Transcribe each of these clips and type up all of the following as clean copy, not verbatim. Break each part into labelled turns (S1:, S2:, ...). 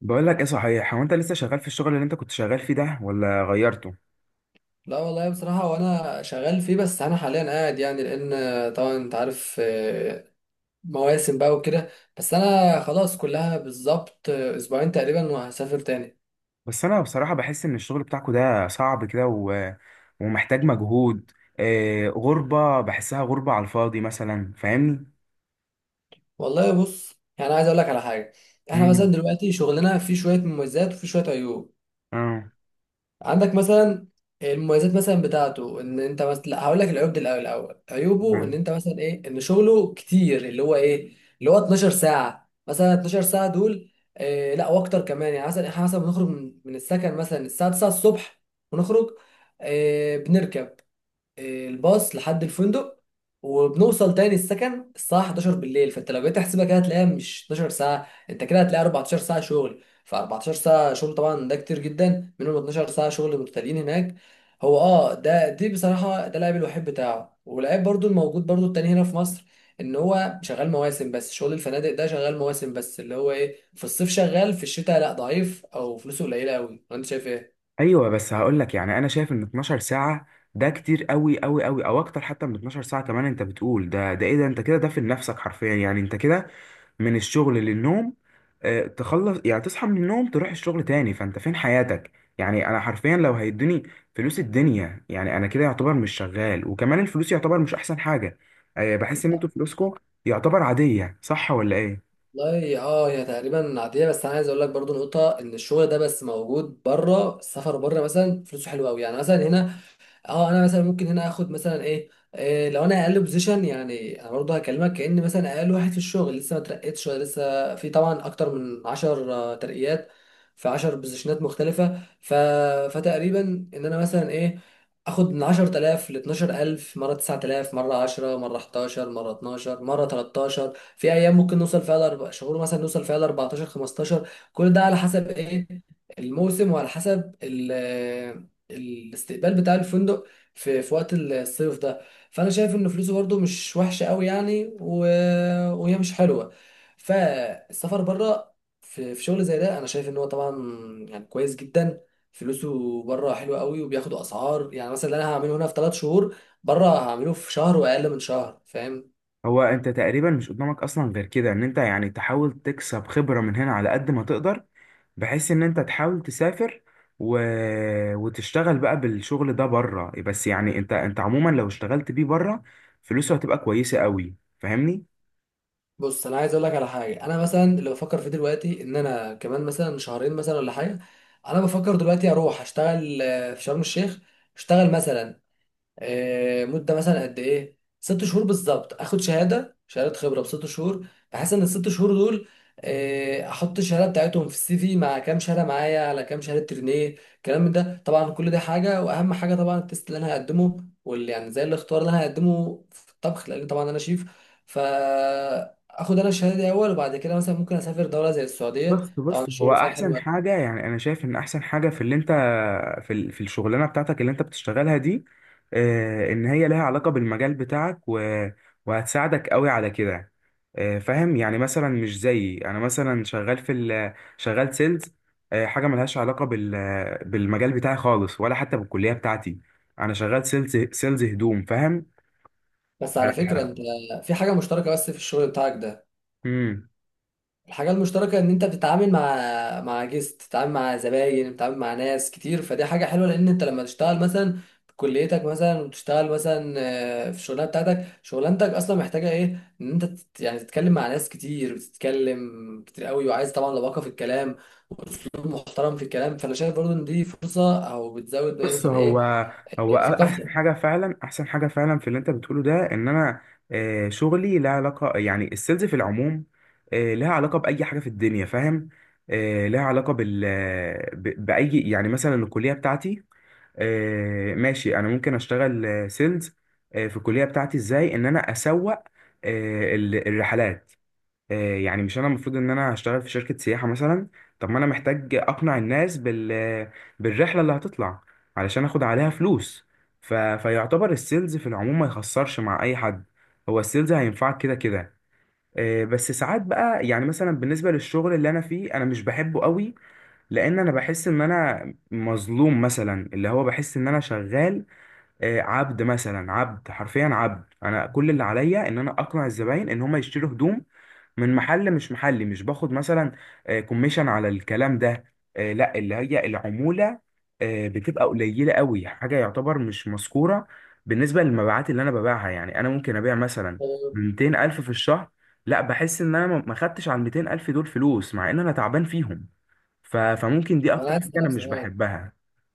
S1: بقول لك ايه صحيح؟ هو انت لسه شغال في الشغل اللي انت كنت شغال فيه ده، ولا غيرته؟
S2: لا والله بصراحة، وأنا شغال فيه. بس أنا حاليا قاعد يعني لأن طبعا أنت عارف، مواسم بقى وكده. بس أنا خلاص كلها بالظبط، أسبوعين تقريبا وهسافر تاني.
S1: بس انا بصراحة بحس ان الشغل بتاعكو ده صعب كده ومحتاج مجهود. آه، غربة، بحسها غربة على الفاضي مثلا، فاهمني؟
S2: والله بص، يعني عايز أقول لك على حاجة. إحنا مثلا
S1: امم
S2: دلوقتي شغلنا فيه شوية مميزات وفيه شوية عيوب.
S1: اه
S2: عندك مثلا المميزات مثلا بتاعته ان انت مثلا، لا هقول لك العيوب دي الاول. عيوبه ان
S1: آه.
S2: انت مثلا ايه، ان شغله كتير، اللي هو ايه، اللي هو 12 ساعه، مثلا 12 ساعه دول. إيه، لا واكتر كمان يعني. مثلا احنا مثلا بنخرج من السكن مثلا الساعه 9 الصبح ونخرج، إيه، بنركب الباص لحد الفندق، وبنوصل تاني السكن الساعة 11 بالليل. فانت لو جيت تحسبها كده هتلاقيها مش 12 ساعة، انت كده هتلاقي 14 ساعة شغل، ف 14 ساعة شغل طبعا ده كتير جدا، منهم 12 ساعة شغل متتاليين هناك. هو ده دي بصراحة ده العيب الوحيد بتاعه. والعيب برضو الموجود برضو التاني هنا في مصر، ان هو شغال مواسم بس. شغل الفنادق ده شغال مواسم بس، اللي هو ايه، في الصيف شغال، في الشتاء لا، ضعيف او فلوسه قليلة قوي. انت شايف ايه؟
S1: ايوه، بس هقول لك يعني انا شايف ان 12 ساعة ده كتير قوي قوي قوي، او اكتر حتى من 12 ساعة كمان. انت بتقول ده ايه ده، انت كده ده في نفسك حرفيا، يعني انت كده من الشغل للنوم. تخلص يعني تصحى من النوم تروح الشغل تاني، فانت فين حياتك؟ يعني انا حرفيا لو هيدوني فلوس الدنيا، يعني انا كده يعتبر مش شغال. وكمان الفلوس يعتبر مش احسن حاجة. بحس ان انتوا فلوسكم يعتبر عادية، صح ولا ايه؟
S2: والله هي تقريبا عاديه. بس انا عايز اقول لك برضو نقطه، ان الشغل ده بس موجود بره. السفر بره مثلا فلوسه حلوه قوي، يعني مثلا هنا، اه انا مثلا ممكن هنا اخد مثلا ايه، إيه لو انا اقل بوزيشن، يعني انا برضه هكلمك كأن مثلا اقل واحد في الشغل لسه ما اترقتش، لسه في طبعا اكتر من 10 ترقيات، في 10 بوزيشنات مختلفة. فتقريبا ان انا مثلا ايه، اخد من 10000 ل 12000، مرة 9000، مرة 10، مرة 11، مرة 12، مرة 13. في ايام ممكن نوصل فيها لاربع شهور، مثلا نوصل فيها ل 14، 15، كل ده على حسب ايه الموسم، وعلى حسب الاستقبال بتاع الفندق في في وقت الصيف ده. فانا شايف ان فلوسه برضو مش وحشه قوي، يعني وهي مش حلوه. فالسفر بره، في في شغل زي ده، انا شايف ان هو طبعا يعني كويس جدا. فلوسه بره حلوه قوي، وبياخدوا اسعار. يعني مثلا اللي انا هعمله هنا في ثلاث شهور، بره هعمله في شهر واقل من شهر، فاهم.
S1: هو انت تقريبا مش قدامك اصلا غير كده، ان انت يعني تحاول تكسب خبرة من هنا على قد ما تقدر، بحيث ان انت تحاول تسافر و... وتشتغل بقى بالشغل ده بره. بس يعني انت عموما لو اشتغلت بيه بره، فلوسه هتبقى كويسة قوي، فاهمني؟
S2: بص انا عايز اقول لك على حاجه، انا مثلا اللي بفكر فيه دلوقتي، ان انا كمان مثلا شهرين مثلا ولا حاجه، انا بفكر دلوقتي اروح اشتغل، في شرم الشيخ. اشتغل مثلا، مدة مثلا قد ايه، ست شهور بالظبط. اخد شهادة، شهادة خبرة بست شهور، بحيث ان الست شهور دول، احط الشهادة بتاعتهم في السي في، مع كام شهادة معايا، على كام شهادة ترينيه، الكلام من ده طبعا. كل ده حاجة، واهم حاجة طبعا التيست اللي انا هقدمه، واللي يعني زي الاختبار اللي انا هقدمه في الطبخ، لان طبعا انا شيف. ف اخد انا الشهاده دي اول، وبعد كده مثلا ممكن اسافر دوله زي السعوديه،
S1: بس
S2: طبعا
S1: بس هو
S2: الشغل فيها حلو
S1: احسن
S2: أوي.
S1: حاجة، يعني انا شايف ان احسن حاجة في اللي انت في في الشغلانه بتاعتك اللي انت بتشتغلها دي، ان هي لها علاقه بالمجال بتاعك وهتساعدك قوي على كده. فاهم؟ يعني مثلا مش زيي انا، مثلا شغال في شغال سيلز، حاجه ملهاش علاقه بالمجال بتاعي خالص، ولا حتى بالكليه بتاعتي. انا شغال سيلز، سيلز هدوم، فاهم؟
S2: بس على
S1: ف-
S2: فكره انت في حاجه مشتركه بس في الشغل بتاعك ده.
S1: مم.
S2: الحاجة المشتركة إن أنت بتتعامل مع جيست، بتتعامل مع زباين، بتتعامل مع ناس كتير، فدي حاجة حلوة. لأن أنت لما تشتغل مثلا في كليتك مثلا، وتشتغل مثلا، في الشغلانة بتاعتك، شغلانتك أصلا محتاجة إيه، إن أنت يعني تتكلم مع ناس كتير، بتتكلم كتير قوي، وعايز طبعا لباقة في الكلام وأسلوب محترم في الكلام. فأنا شايف برضو إن دي فرصة، أو بتزود
S1: بص
S2: مثلا
S1: هو
S2: إيه،
S1: هو احسن
S2: ثقافتك.
S1: حاجه فعلا، احسن حاجه فعلا في اللي انت بتقوله ده، ان انا شغلي لها علاقه، يعني السيلز في العموم لها علاقه باي حاجه في الدنيا، فاهم؟ لها علاقه باي، يعني مثلا الكليه بتاعتي، ماشي، انا ممكن اشتغل سيلز في الكليه بتاعتي. ازاي ان انا اسوق الرحلات؟ يعني مش انا المفروض ان انا هشتغل في شركة سياحة مثلا؟ طب ما انا محتاج اقنع الناس بالرحلة اللي هتطلع، علشان اخد عليها فلوس. فيعتبر السيلز في العموم ما يخسرش مع اي حد. هو السيلز هينفعك كده كده. بس ساعات بقى، يعني مثلا بالنسبة للشغل اللي انا فيه، انا مش بحبه قوي. لان انا بحس ان انا مظلوم، مثلا اللي هو بحس ان انا شغال عبد، مثلا عبد حرفيا عبد. انا كل اللي عليا ان انا اقنع الزباين ان هم يشتروا هدوم من محل، مش محلي، مش باخد مثلا كوميشن على الكلام ده. لا، اللي هي العمولة بتبقى قليلة قوي، حاجة يعتبر مش مذكورة بالنسبة للمبيعات اللي انا ببيعها. يعني انا ممكن ابيع مثلا
S2: طب
S1: 200 الف في الشهر، لا بحس ان انا ما خدتش على ال 200 الف دول فلوس، مع ان انا تعبان فيهم. فممكن دي
S2: أنا
S1: اكتر
S2: عايز
S1: حاجة انا
S2: أسألك
S1: مش
S2: سؤال،
S1: بحبها.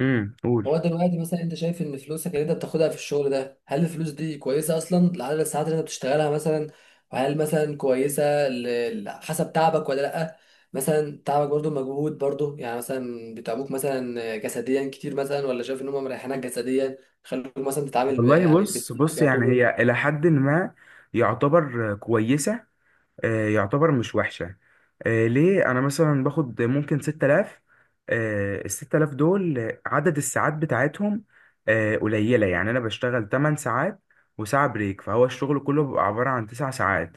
S1: امم، قول.
S2: هو دلوقتي مثلا انت شايف ان فلوسك اللي انت بتاخدها في الشغل ده، هل الفلوس دي كويسه اصلا لعدد الساعات اللي انت بتشتغلها مثلا؟ وهل مثلا كويسه حسب تعبك ولا لا؟ مثلا تعبك برضو مجهود برضو، يعني مثلا بيتعبوك مثلا جسديا كتير مثلا، ولا شايف ان هم مريحينك جسديا خلوك مثلا تتعامل
S1: والله
S2: يعني
S1: بص، يعني
S2: يعتبر.
S1: هي إلى حد ما يعتبر كويسة، يعتبر مش وحشة. ليه؟ أنا مثلا باخد ممكن 6,000. ال 6,000 دول عدد الساعات بتاعتهم قليلة، يعني أنا بشتغل 8 ساعات وساعة بريك، فهو الشغل كله بيبقى عبارة عن 9 ساعات.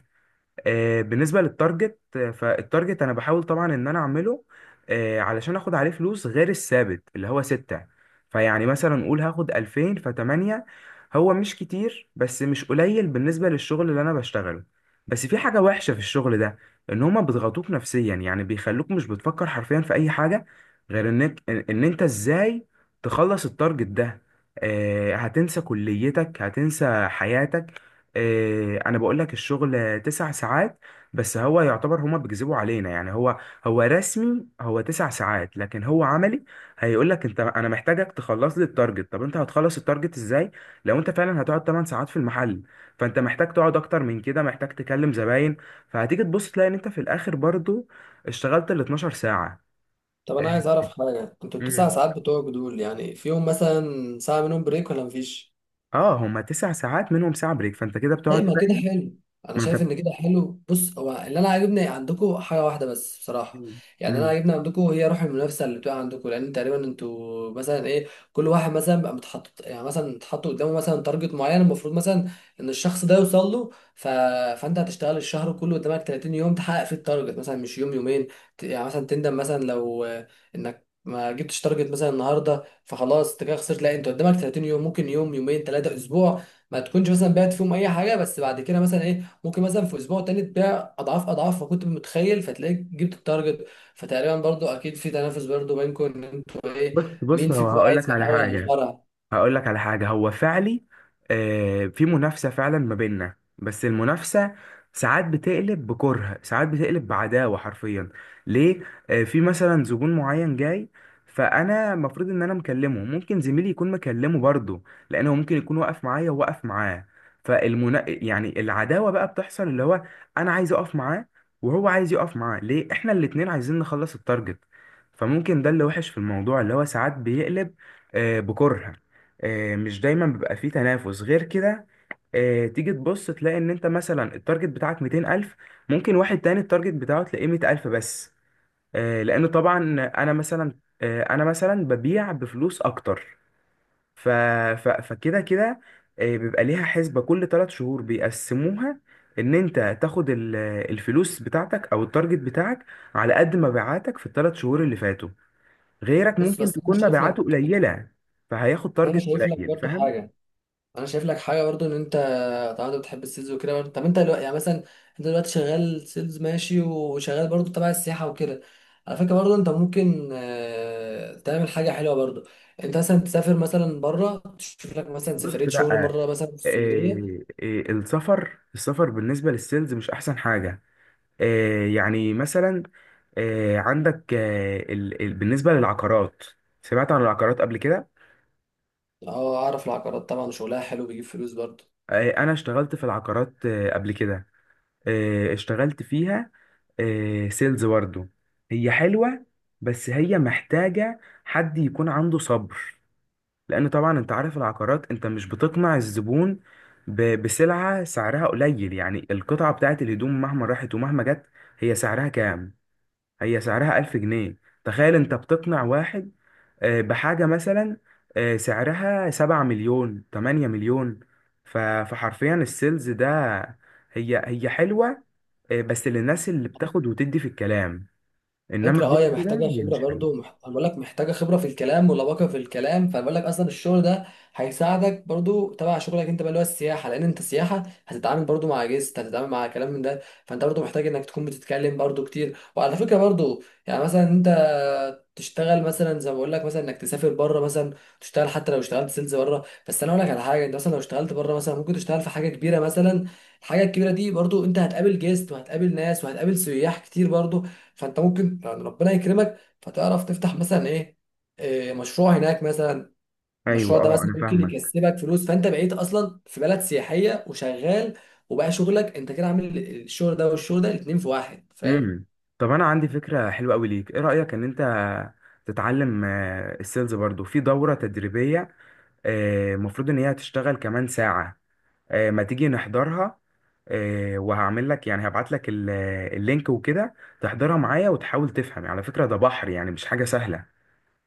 S1: بالنسبة للتارجت، فالتارجت أنا بحاول طبعا إن أنا أعمله علشان آخد عليه فلوس غير الثابت اللي هو ستة. فيعني مثلا قول هاخد ألفين، فتمانية. هو مش كتير، بس مش قليل بالنسبة للشغل اللي أنا بشتغله. بس في حاجة وحشة في الشغل ده، إن هما بيضغطوك نفسيا. يعني بيخلوك مش بتفكر حرفيا في أي حاجة غير إنك إن إن أنت إزاي تخلص التارجت ده. هتنسى كليتك هتنسى حياتك. انا بقول لك الشغل تسع ساعات، بس هو يعتبر هما بيكذبوا علينا. يعني هو رسمي هو تسع ساعات، لكن هو عملي هيقول لك انت، انا محتاجك تخلص لي التارجت. طب انت هتخلص التارجت ازاي لو انت فعلا هتقعد 8 ساعات في المحل؟ فانت محتاج تقعد اكتر من كده، محتاج تكلم زباين. فهتيجي تبص تلاقي ان انت في الاخر برضو اشتغلت ال 12 ساعة.
S2: طب انا
S1: إيه،
S2: عايز اعرف حاجه، كنت التسع
S1: مم.
S2: ساعات بتوعك دول يعني فيهم مثلا ساعه منهم بريك ولا مفيش؟
S1: اه، هما تسع ساعات منهم ساعة بريك، فانت كده
S2: لا،
S1: بتقعد،
S2: ما كده
S1: فاهم؟
S2: حلو. انا
S1: ما انت.
S2: شايف ان كده حلو. بص، هو اللي انا عاجبني عندكم حاجه واحده بس بصراحه، يعني انا
S1: مم.
S2: عاجبني عندكم هي روح المنافسه اللي بتبقى عندكم، لان تقريبا انتوا مثلا ايه، كل واحد مثلا بقى متحط، يعني مثلا اتحط قدامه مثلا تارجت معين، المفروض مثلا ان الشخص ده يوصل له. ف... فانت هتشتغل الشهر كله قدامك 30 يوم تحقق فيه التارجت مثلا، مش يوم يومين. يعني مثلا تندم مثلا لو، انك ما جبتش تارجت مثلا النهارده فخلاص انت كده خسرت. لا، انت قدامك 30 يوم، ممكن يوم يومين ثلاثه اسبوع ما تكونش مثلا بعت فيهم اي حاجه، بس بعد كده مثلا ايه ممكن مثلا في اسبوع تاني تبيع اضعاف اضعاف ما كنت متخيل، فتلاقيك جبت التارجت. فتقريبا برضو اكيد في تنافس برضو بينكم، ان انتوا ايه،
S1: بص
S2: مين
S1: بص هو
S2: فيكم بقى
S1: هقول لك
S2: هيسبق
S1: على
S2: الاول على
S1: حاجة
S2: الشجره.
S1: هقول لك على حاجة. هو فعلي في منافسة فعلا ما بيننا، بس المنافسة ساعات بتقلب بكره، ساعات بتقلب بعداوة حرفيا. ليه؟ في مثلا زبون معين جاي، فانا المفروض ان انا مكلمه، ممكن زميلي يكون مكلمه برضه، لانه ممكن يكون واقف معايا وواقف معاه. فالمنا يعني العداوة بقى بتحصل، اللي هو انا عايز اقف معاه، وهو عايز يقف معاه، ليه؟ احنا الاتنين عايزين نخلص التارجت. فممكن ده اللي وحش في الموضوع، اللي هو ساعات بيقلب بكره. مش دايما بيبقى فيه تنافس غير كده. تيجي تبص تلاقي ان انت مثلا التارجت بتاعك 200,000، ممكن واحد تاني التارجت بتاعه تلاقيه 100,000 بس. لان طبعا انا مثلا، انا مثلا ببيع بفلوس اكتر. ف... فكده كده بيبقى ليها حسبة كل ثلاث شهور بيقسموها، ان انت تاخد الفلوس بتاعتك او التارجت بتاعك على قد مبيعاتك في الثلاث شهور اللي فاتوا. غيرك
S2: بص
S1: ممكن
S2: بس انا
S1: تكون
S2: شايف
S1: مبيعاته
S2: لك،
S1: قليلة، فهياخد
S2: انا
S1: تارجت
S2: شايف لك
S1: قليل.
S2: برضو حاجه، انا شايف لك حاجه برضو، ان طبعا انت بتحب السيلز وكده. طب انت دلوقتي يعني مثلا انت دلوقتي شغال سيلز ماشي، وشغال برضو تبع السياحه وكده. على فكره برضو انت ممكن، تعمل حاجه حلوه برضو، انت مثلا تسافر مثلا بره، تشوف لك مثلا
S1: بص،
S2: سفريه شغل
S1: لا.
S2: مره مثلا في السعوديه.
S1: إيه السفر، السفر بالنسبة للسيلز مش أحسن حاجة. إيه، يعني مثلا، إيه عندك، إيه ال ال بالنسبة للعقارات. سمعت عن العقارات قبل كده؟
S2: اه، اعرف العقارات طبعا، شغلها حلو بيجيب فلوس برضو.
S1: إيه، أنا اشتغلت في العقارات إيه قبل كده، إيه اشتغلت فيها، إيه سيلز برضه. هي حلوة، بس هي محتاجة حد يكون عنده صبر. لان طبعا انت عارف العقارات، انت مش بتقنع الزبون بسلعة سعرها قليل. يعني القطعة بتاعت الهدوم مهما راحت ومهما جت، هي سعرها كام؟ هي سعرها ألف جنيه. تخيل انت بتقنع واحد بحاجة مثلا سعرها سبعة مليون، تمانية مليون. فحرفيا السيلز ده، هي حلوة بس للناس اللي بتاخد وتدي في الكلام. انما
S2: فكرة اه،
S1: غير
S2: هي
S1: كده
S2: محتاجة
S1: هي
S2: خبرة
S1: مش حلوة.
S2: برضو، أنا بقول لك محتاجة خبرة في الكلام ولباقة في الكلام، فبقول لك أصلا الشغل ده هيساعدك برضو تبع شغلك أنت بقى اللي هو السياحة. لأن أنت سياحة هتتعامل برضو مع جيست، هتتعامل مع كلام من ده، فأنت برضو محتاج إنك تكون بتتكلم برضو كتير. وعلى فكرة برضو يعني مثلا أنت تشتغل مثلا زي ما بقول لك مثلا، إنك تسافر بره مثلا، تشتغل حتى لو اشتغلت سيلز بره. بس أنا أقول لك على حاجة، أنت مثلا لو اشتغلت بره مثلا ممكن تشتغل في حاجة كبيرة مثلا. الحاجة الكبيرة دي برضو أنت هتقابل جيست وهتقابل ناس وهتقابل سياح كتير برضو، فانت ممكن يعني ربنا يكرمك، فتعرف تفتح مثلا ايه، مشروع هناك مثلا.
S1: ايوه،
S2: المشروع ده
S1: اه
S2: مثلا
S1: انا
S2: ممكن
S1: فاهمك.
S2: يكسبك فلوس، فانت بقيت اصلا في بلد سياحيه وشغال، وبقى شغلك انت كده عامل الشغل ده والشغل ده الاتنين في واحد، فاهم.
S1: امم، طب انا عندي فكره حلوه قوي ليك. ايه رايك ان انت تتعلم السيلز برضو في دوره تدريبيه؟ المفروض ان هي هتشتغل كمان ساعه. ما تيجي نحضرها؟ وهعمل لك، يعني هبعت لك اللينك وكده، تحضرها معايا وتحاول تفهم. على فكره ده بحر، يعني مش حاجه سهله.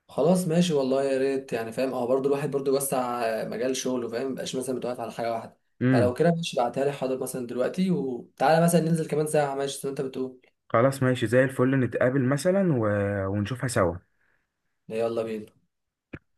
S2: خلاص ماشي، والله يا ريت يعني، فاهم اهو، برضو الواحد برضو يوسع مجال شغله، فاهم، مبقاش مثلا متوقف على حاجه واحده. فلو
S1: امم،
S2: كده ماشي، بعتها لي حاضر مثلا دلوقتي، وتعالى مثلا ننزل كمان ساعه ماشي زي ما انت بتقول.
S1: خلاص ماشي زي الفل، نتقابل مثلا ونشوفها سوا.
S2: يلا بينا.